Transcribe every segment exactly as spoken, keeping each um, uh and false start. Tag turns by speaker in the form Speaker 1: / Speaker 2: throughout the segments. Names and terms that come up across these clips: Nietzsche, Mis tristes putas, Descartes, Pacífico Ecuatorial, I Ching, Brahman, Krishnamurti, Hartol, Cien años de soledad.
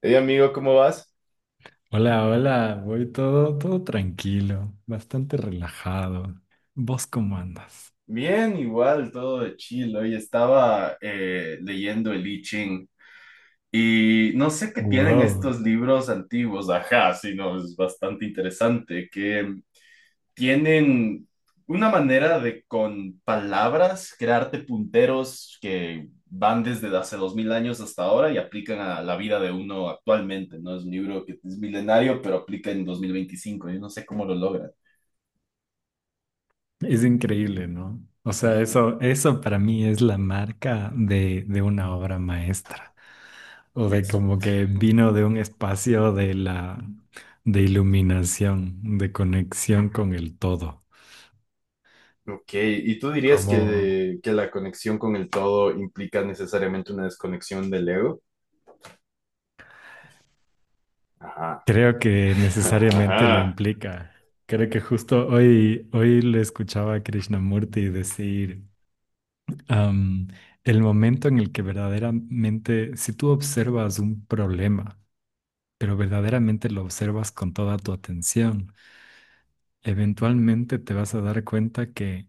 Speaker 1: Hey amigo, ¿cómo vas?
Speaker 2: Hola, hola, voy todo, todo tranquilo, bastante relajado. ¿Vos cómo andas?
Speaker 1: Bien, igual, todo de chill. Hoy estaba eh, leyendo el I Ching y no sé qué tienen
Speaker 2: Wow,
Speaker 1: estos libros antiguos, ajá, sino es bastante interesante, que tienen una manera de con palabras crearte punteros que van desde hace dos mil años hasta ahora y aplican a la vida de uno actualmente, ¿no? Es un libro que es milenario, pero aplica en dos mil veinticinco. Yo no sé cómo lo logran.
Speaker 2: es increíble, ¿no? O sea, eso, eso para mí es la marca de, de una obra maestra. O de
Speaker 1: Ujú.
Speaker 2: como que vino de un espacio de la, de iluminación, de conexión con el todo.
Speaker 1: Ok, ¿y tú dirías
Speaker 2: Como
Speaker 1: que, que la conexión con el todo implica necesariamente una desconexión del ego? Ajá.
Speaker 2: creo que necesariamente lo
Speaker 1: Ajá.
Speaker 2: implica. Creo que justo hoy, hoy le escuchaba a Krishnamurti decir. Am, el momento en el que verdaderamente, si tú observas un problema, pero verdaderamente lo observas con toda tu atención, eventualmente te vas a dar cuenta que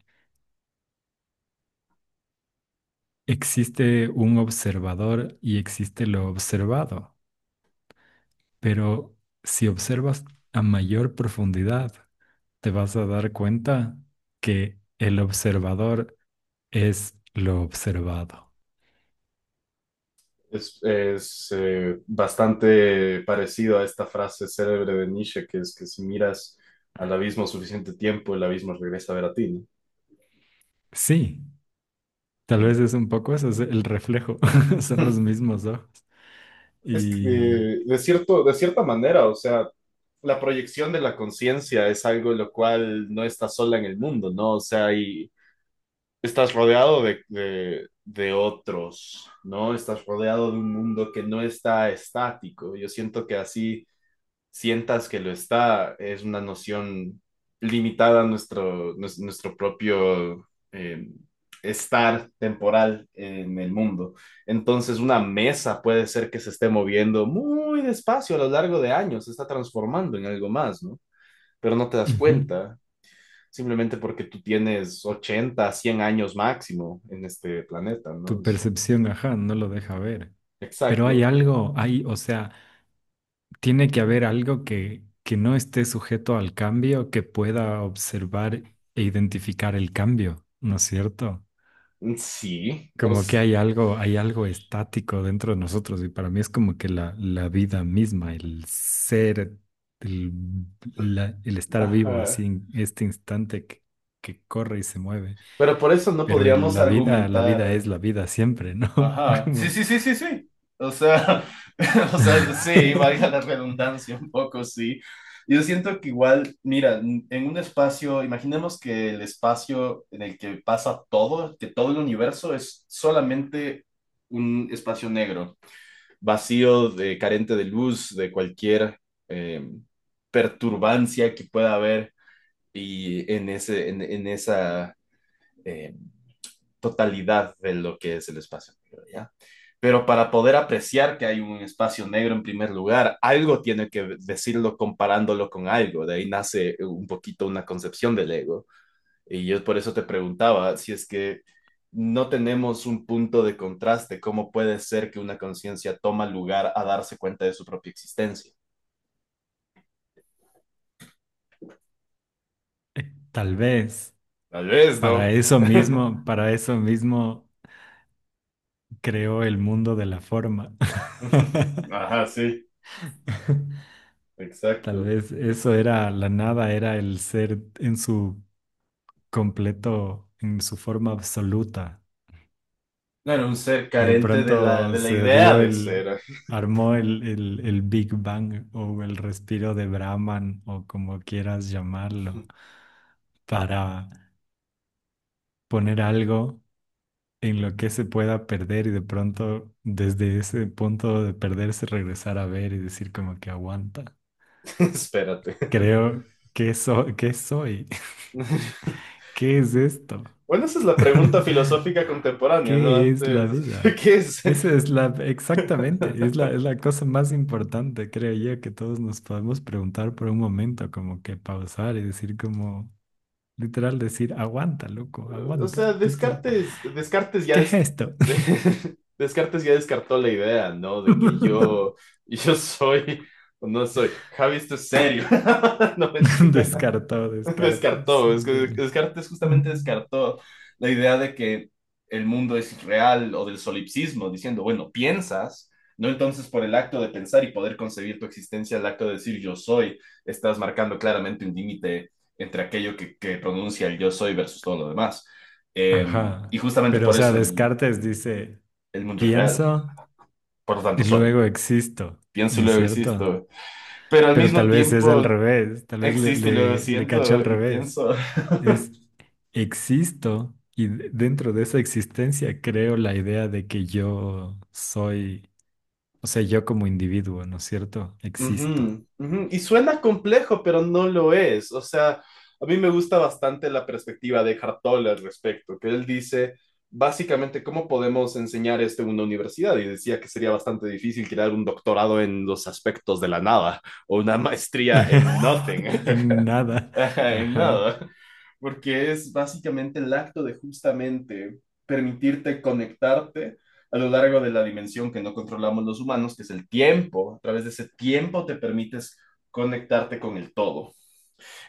Speaker 2: existe un observador y existe lo observado. Pero si observas a mayor profundidad, te vas a dar cuenta que el observador es lo observado.
Speaker 1: Es, es, eh, bastante parecido a esta frase célebre de Nietzsche, que es que si miras al abismo suficiente tiempo, el abismo regresa a ver a ti, ¿no?
Speaker 2: Sí, tal
Speaker 1: Y-
Speaker 2: vez es un poco eso, es el reflejo, son los mismos ojos.
Speaker 1: Es que,
Speaker 2: Y
Speaker 1: eh, de cierto, de cierta manera, o sea, la proyección de la conciencia es algo lo cual no está sola en el mundo, ¿no? O sea, hay estás rodeado de, de- de otros, ¿no? Estás rodeado de un mundo que no está estático. Yo siento que así sientas que lo está, es una noción limitada a nuestro, nues- nuestro propio eh, estar temporal en el mundo. Entonces, una mesa puede ser que se esté moviendo muy despacio a lo largo de años, se está transformando en algo más, ¿no? Pero no te das
Speaker 2: ujú,
Speaker 1: cuenta simplemente porque tú tienes ochenta, cien años máximo en este planeta, ¿no?
Speaker 2: tu
Speaker 1: Es-
Speaker 2: percepción, ajá, no lo deja ver. Pero hay
Speaker 1: Exacto.
Speaker 2: algo, hay, o sea, tiene que haber algo que, que no esté sujeto al cambio, que pueda observar e identificar el cambio, ¿no es cierto?
Speaker 1: Sí, o
Speaker 2: Como que
Speaker 1: s-
Speaker 2: hay algo, hay algo estático dentro de nosotros y para mí es como que la, la vida misma, el ser, el, la- el estar vivo
Speaker 1: ajá.
Speaker 2: así en este instante que, que corre y se mueve.
Speaker 1: Pero por eso no
Speaker 2: Pero el-
Speaker 1: podríamos
Speaker 2: la vida, la vida
Speaker 1: argumentar.
Speaker 2: es la vida siempre, ¿no?
Speaker 1: Ajá. Sí,
Speaker 2: Como...
Speaker 1: sí, sí, sí, sí. O sea, o sea, sí, valga la redundancia un poco, sí. Yo siento que igual, mira, n- en un espacio, imaginemos que el espacio en el que pasa todo, que todo el universo es solamente un espacio negro, vacío, de, carente de luz, de cualquier eh, perturbancia que pueda haber y en, ese, en, en esa eh, totalidad de lo que es el espacio negro, ¿ya? Pero para poder apreciar que hay un espacio negro en primer lugar, algo tiene que decirlo comparándolo con algo. De ahí nace un poquito una concepción del ego, y yo por eso te preguntaba si es que no tenemos un punto de contraste, ¿cómo puede ser que una conciencia toma lugar a darse cuenta de su propia existencia?
Speaker 2: Tal vez
Speaker 1: Tal vez,
Speaker 2: para
Speaker 1: ¿no?
Speaker 2: eso mismo, para eso mismo creó el mundo de la forma.
Speaker 1: Ajá, sí,
Speaker 2: Tal
Speaker 1: exacto.
Speaker 2: vez eso era la nada, era el ser en su completo, en su forma absoluta.
Speaker 1: No era un ser
Speaker 2: Y de
Speaker 1: carente de la,
Speaker 2: pronto
Speaker 1: de la
Speaker 2: se
Speaker 1: idea
Speaker 2: dio
Speaker 1: de
Speaker 2: el,
Speaker 1: ser.
Speaker 2: armó el, el, el Big Bang o el respiro de Brahman o como quieras llamarlo, para poner algo en lo que se pueda perder y de pronto desde ese punto de perderse regresar a ver y decir como que aguanta.
Speaker 1: Espérate.
Speaker 2: Creo que so- ¿qué soy? ¿Qué es esto?
Speaker 1: Bueno, esa es la pregunta filosófica contemporánea, ¿no?
Speaker 2: ¿Qué es la
Speaker 1: Antes,
Speaker 2: vida?
Speaker 1: ¿qué es?
Speaker 2: Esa es la, exactamente, es la, es la cosa más importante, creo yo, que todos nos podemos preguntar por un momento, como que pausar y decir como, literal decir, aguanta, loco,
Speaker 1: O
Speaker 2: aguanta,
Speaker 1: sea,
Speaker 2: tipo,
Speaker 1: Descartes, Descartes ya
Speaker 2: ¿qué es
Speaker 1: des-
Speaker 2: esto?
Speaker 1: Descartes ya descartó la idea, ¿no? De que yo, yo soy o no soy. Javi, esto es serio. No, mentira.
Speaker 2: Descartado, Descartes.
Speaker 1: Descartó, es que
Speaker 2: Ok.
Speaker 1: Descartes justamente
Speaker 2: Mm.
Speaker 1: descartó la idea de que el mundo es real o del solipsismo, diciendo, bueno, piensas, no entonces por el acto de pensar y poder concebir tu existencia, el acto de decir yo soy, estás marcando claramente un límite entre aquello que, que pronuncia el yo soy versus todo lo demás. Eh, y
Speaker 2: Ajá.
Speaker 1: justamente
Speaker 2: Pero, o
Speaker 1: por
Speaker 2: sea,
Speaker 1: eso el,
Speaker 2: Descartes dice,
Speaker 1: el mundo es real,
Speaker 2: pienso
Speaker 1: por lo
Speaker 2: y
Speaker 1: tanto soy,
Speaker 2: luego existo,
Speaker 1: pienso y
Speaker 2: ¿no es
Speaker 1: luego
Speaker 2: cierto?
Speaker 1: existo, pero al
Speaker 2: Pero
Speaker 1: mismo
Speaker 2: tal vez es al
Speaker 1: tiempo
Speaker 2: revés, tal vez le,
Speaker 1: existo y luego
Speaker 2: le, le cachó al
Speaker 1: siento y
Speaker 2: revés.
Speaker 1: pienso.
Speaker 2: Es existo y de- dentro de esa existencia creo la idea de que yo soy, o sea, yo como individuo, ¿no es cierto? Existo.
Speaker 1: Ujú, ujú. Y suena complejo, pero no lo es. O sea, a mí me gusta bastante la perspectiva de Hartol al respecto, que él dice básicamente cómo podemos enseñar esto en una universidad. Y decía que sería bastante difícil crear un doctorado en los aspectos de la nada o una maestría en nothing.
Speaker 2: En nada.
Speaker 1: Ajá, en
Speaker 2: Ajá,
Speaker 1: nada, porque es básicamente el acto de justamente permitirte conectarte a lo largo de la dimensión que no controlamos los humanos, que es el tiempo. A través de ese tiempo te permites conectarte con el todo.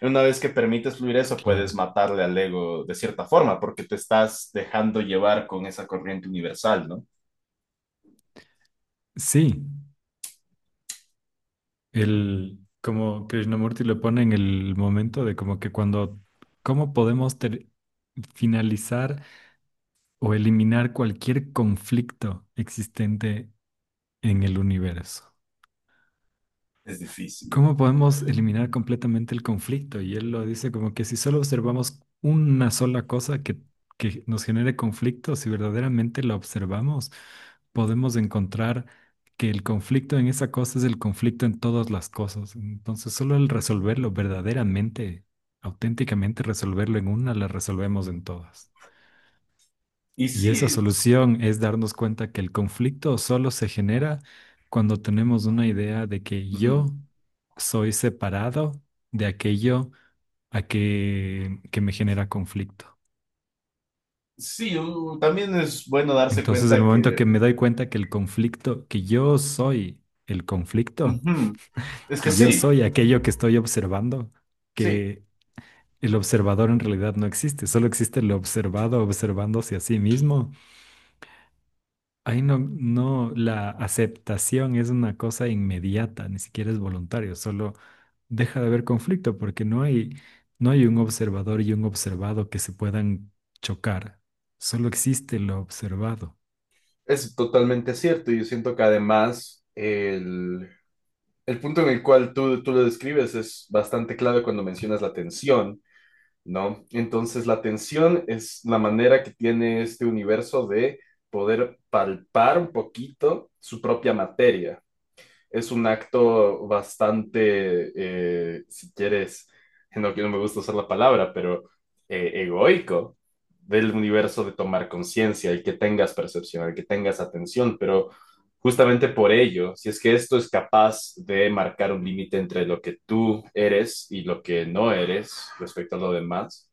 Speaker 1: Una vez que permites fluir eso, puedes
Speaker 2: claro.
Speaker 1: matarle al ego de cierta forma, porque te estás dejando llevar con esa corriente universal, ¿no?
Speaker 2: Sí, el, como Krishnamurti lo pone en el momento de como que cuando, ¿cómo podemos ter- finalizar o eliminar cualquier conflicto existente en el universo?
Speaker 1: Es difícil.
Speaker 2: ¿Cómo podemos eliminar completamente el conflicto? Y él lo dice como que si solo observamos una sola cosa que, que nos genere conflicto, si verdaderamente la observamos, podemos encontrar que el conflicto en esa cosa es el conflicto en todas las cosas. Entonces, solo el resolverlo verdaderamente, auténticamente resolverlo en una, la resolvemos en todas.
Speaker 1: Y
Speaker 2: Y
Speaker 1: sí,
Speaker 2: esa
Speaker 1: es-
Speaker 2: solución es darnos cuenta que el conflicto solo se genera cuando tenemos una idea de que yo
Speaker 1: ujú.
Speaker 2: soy separado de aquello a que, que me genera conflicto.
Speaker 1: Sí, u- también es bueno darse
Speaker 2: Entonces, el
Speaker 1: cuenta
Speaker 2: momento
Speaker 1: que...
Speaker 2: que me doy cuenta que el conflicto, que yo soy el conflicto,
Speaker 1: ujú. Es que
Speaker 2: que yo
Speaker 1: sí.
Speaker 2: soy aquello que estoy observando,
Speaker 1: Sí,
Speaker 2: que el observador en realidad no existe, solo existe el observado observándose a sí mismo. Ahí no, no, la aceptación es una cosa inmediata, ni siquiera es voluntario, solo deja de haber conflicto porque no hay, no hay un observador y un observado que se puedan chocar, solo existe lo observado.
Speaker 1: es totalmente cierto. Yo siento que además el, el punto en el cual tú, tú lo describes es bastante clave cuando mencionas la tensión, ¿no? Entonces la tensión es la manera que tiene este universo de poder palpar un poquito su propia materia, es un acto bastante, eh, si quieres, no, que no me gusta usar la palabra, pero eh, egoico del universo de tomar conciencia, el que tengas percepción, el que tengas atención, pero justamente por ello, si es que esto es capaz de marcar un límite entre lo que tú eres y lo que no eres respecto a lo demás,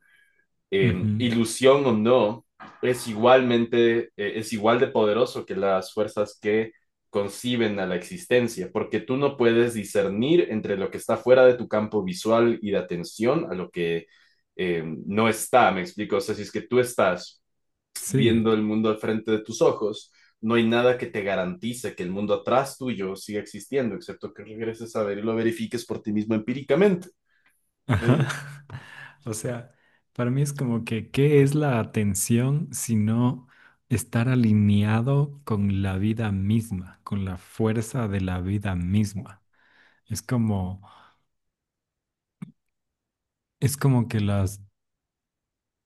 Speaker 1: eh,
Speaker 2: Ujú,
Speaker 1: ilusión o no, es igualmente, eh, es igual de poderoso que las fuerzas que conciben a la existencia, porque tú no puedes discernir entre lo que está fuera de tu campo visual y de atención a lo que eh, no está, me explico, o sea, si es que tú estás
Speaker 2: sí,
Speaker 1: viendo el mundo al frente de tus ojos, no hay nada que te garantice que el mundo atrás tuyo siga existiendo, excepto que regreses a ver y lo verifiques por ti mismo empíricamente.
Speaker 2: ajá.
Speaker 1: Eh,
Speaker 2: O sea, para mí es como que, ¿qué es la atención sino estar alineado con la vida misma, con la fuerza de la vida misma? Es como... Es como que las,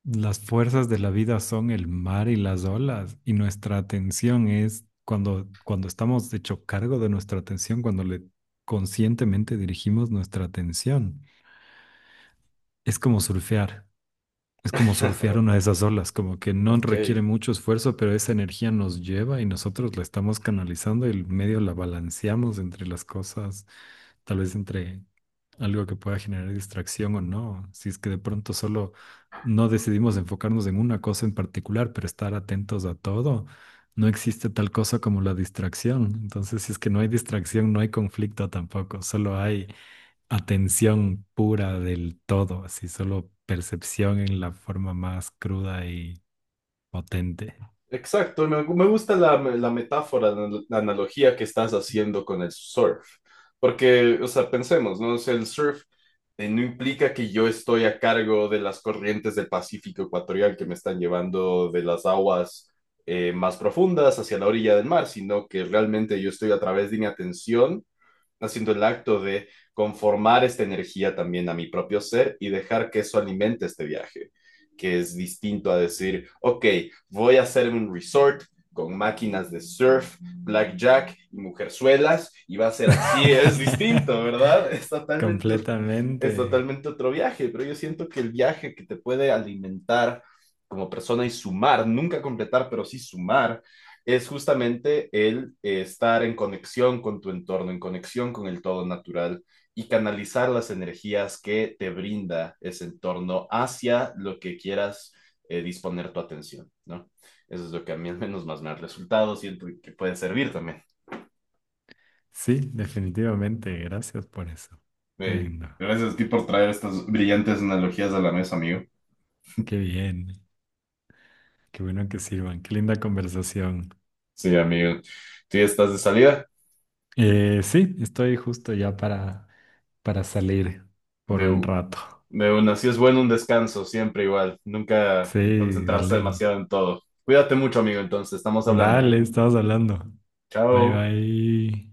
Speaker 2: las fuerzas de la vida son el mar y las olas, y nuestra atención es cuando, cuando estamos hecho cargo de nuestra atención, cuando le conscientemente dirigimos nuestra atención. Es como surfear. Es como surfear una de esas olas, como que no
Speaker 1: ok,
Speaker 2: requiere mucho esfuerzo, pero esa energía nos lleva y nosotros la estamos canalizando y el medio la balanceamos entre las cosas, tal vez entre algo que pueda generar distracción o no. Si es que de pronto solo no decidimos enfocarnos en una cosa en particular, pero estar atentos a todo, no existe tal cosa como la distracción. Entonces, si es que no hay distracción, no hay conflicto tampoco, solo hay atención pura del todo, así solo percepción en la forma más cruda y potente.
Speaker 1: exacto, me, me gusta la, la metáfora, la, la analogía que estás haciendo con el surf, porque, o sea, pensemos, ¿no? O sea, el surf eh, no implica que yo estoy a cargo de las corrientes del Pacífico Ecuatorial que me están llevando de las aguas eh, más profundas hacia la orilla del mar, sino que realmente yo estoy a través de mi atención haciendo el acto de conformar esta energía también a mi propio ser y dejar que eso alimente este viaje, que es distinto a decir, ok, voy a hacerme un resort con máquinas de surf, blackjack y mujerzuelas y va a ser así, es distinto, ¿verdad? Es totalmente,
Speaker 2: Completamente.
Speaker 1: es totalmente otro viaje, pero yo siento que el viaje que te puede alimentar como persona y sumar, nunca completar, pero sí sumar, es justamente el eh, estar en conexión con tu entorno, en conexión con el todo natural y canalizar las energías que te brinda ese entorno hacia lo que quieras eh, disponer tu atención, ¿no? Eso es lo que a mí al menos más me ha resultado, siento que puede servir también.
Speaker 2: Sí, definitivamente. Gracias por eso. Qué
Speaker 1: Eh,
Speaker 2: lindo.
Speaker 1: gracias a ti por traer estas brillantes analogías a la mesa, amigo.
Speaker 2: Qué bien. Qué bueno que sirvan. Qué linda conversación.
Speaker 1: Sí, amigo. ¿Tú ya estás de salida?
Speaker 2: Eh, sí, estoy justo ya para, para salir por un
Speaker 1: De
Speaker 2: rato.
Speaker 1: De una, sí es bueno un descanso, siempre igual. Nunca
Speaker 2: Sí, de
Speaker 1: concentrarse
Speaker 2: ley.
Speaker 1: demasiado en todo. Cuídate mucho, amigo, entonces, estamos hablando.
Speaker 2: Dale, estamos hablando. Bye
Speaker 1: Chao.
Speaker 2: bye.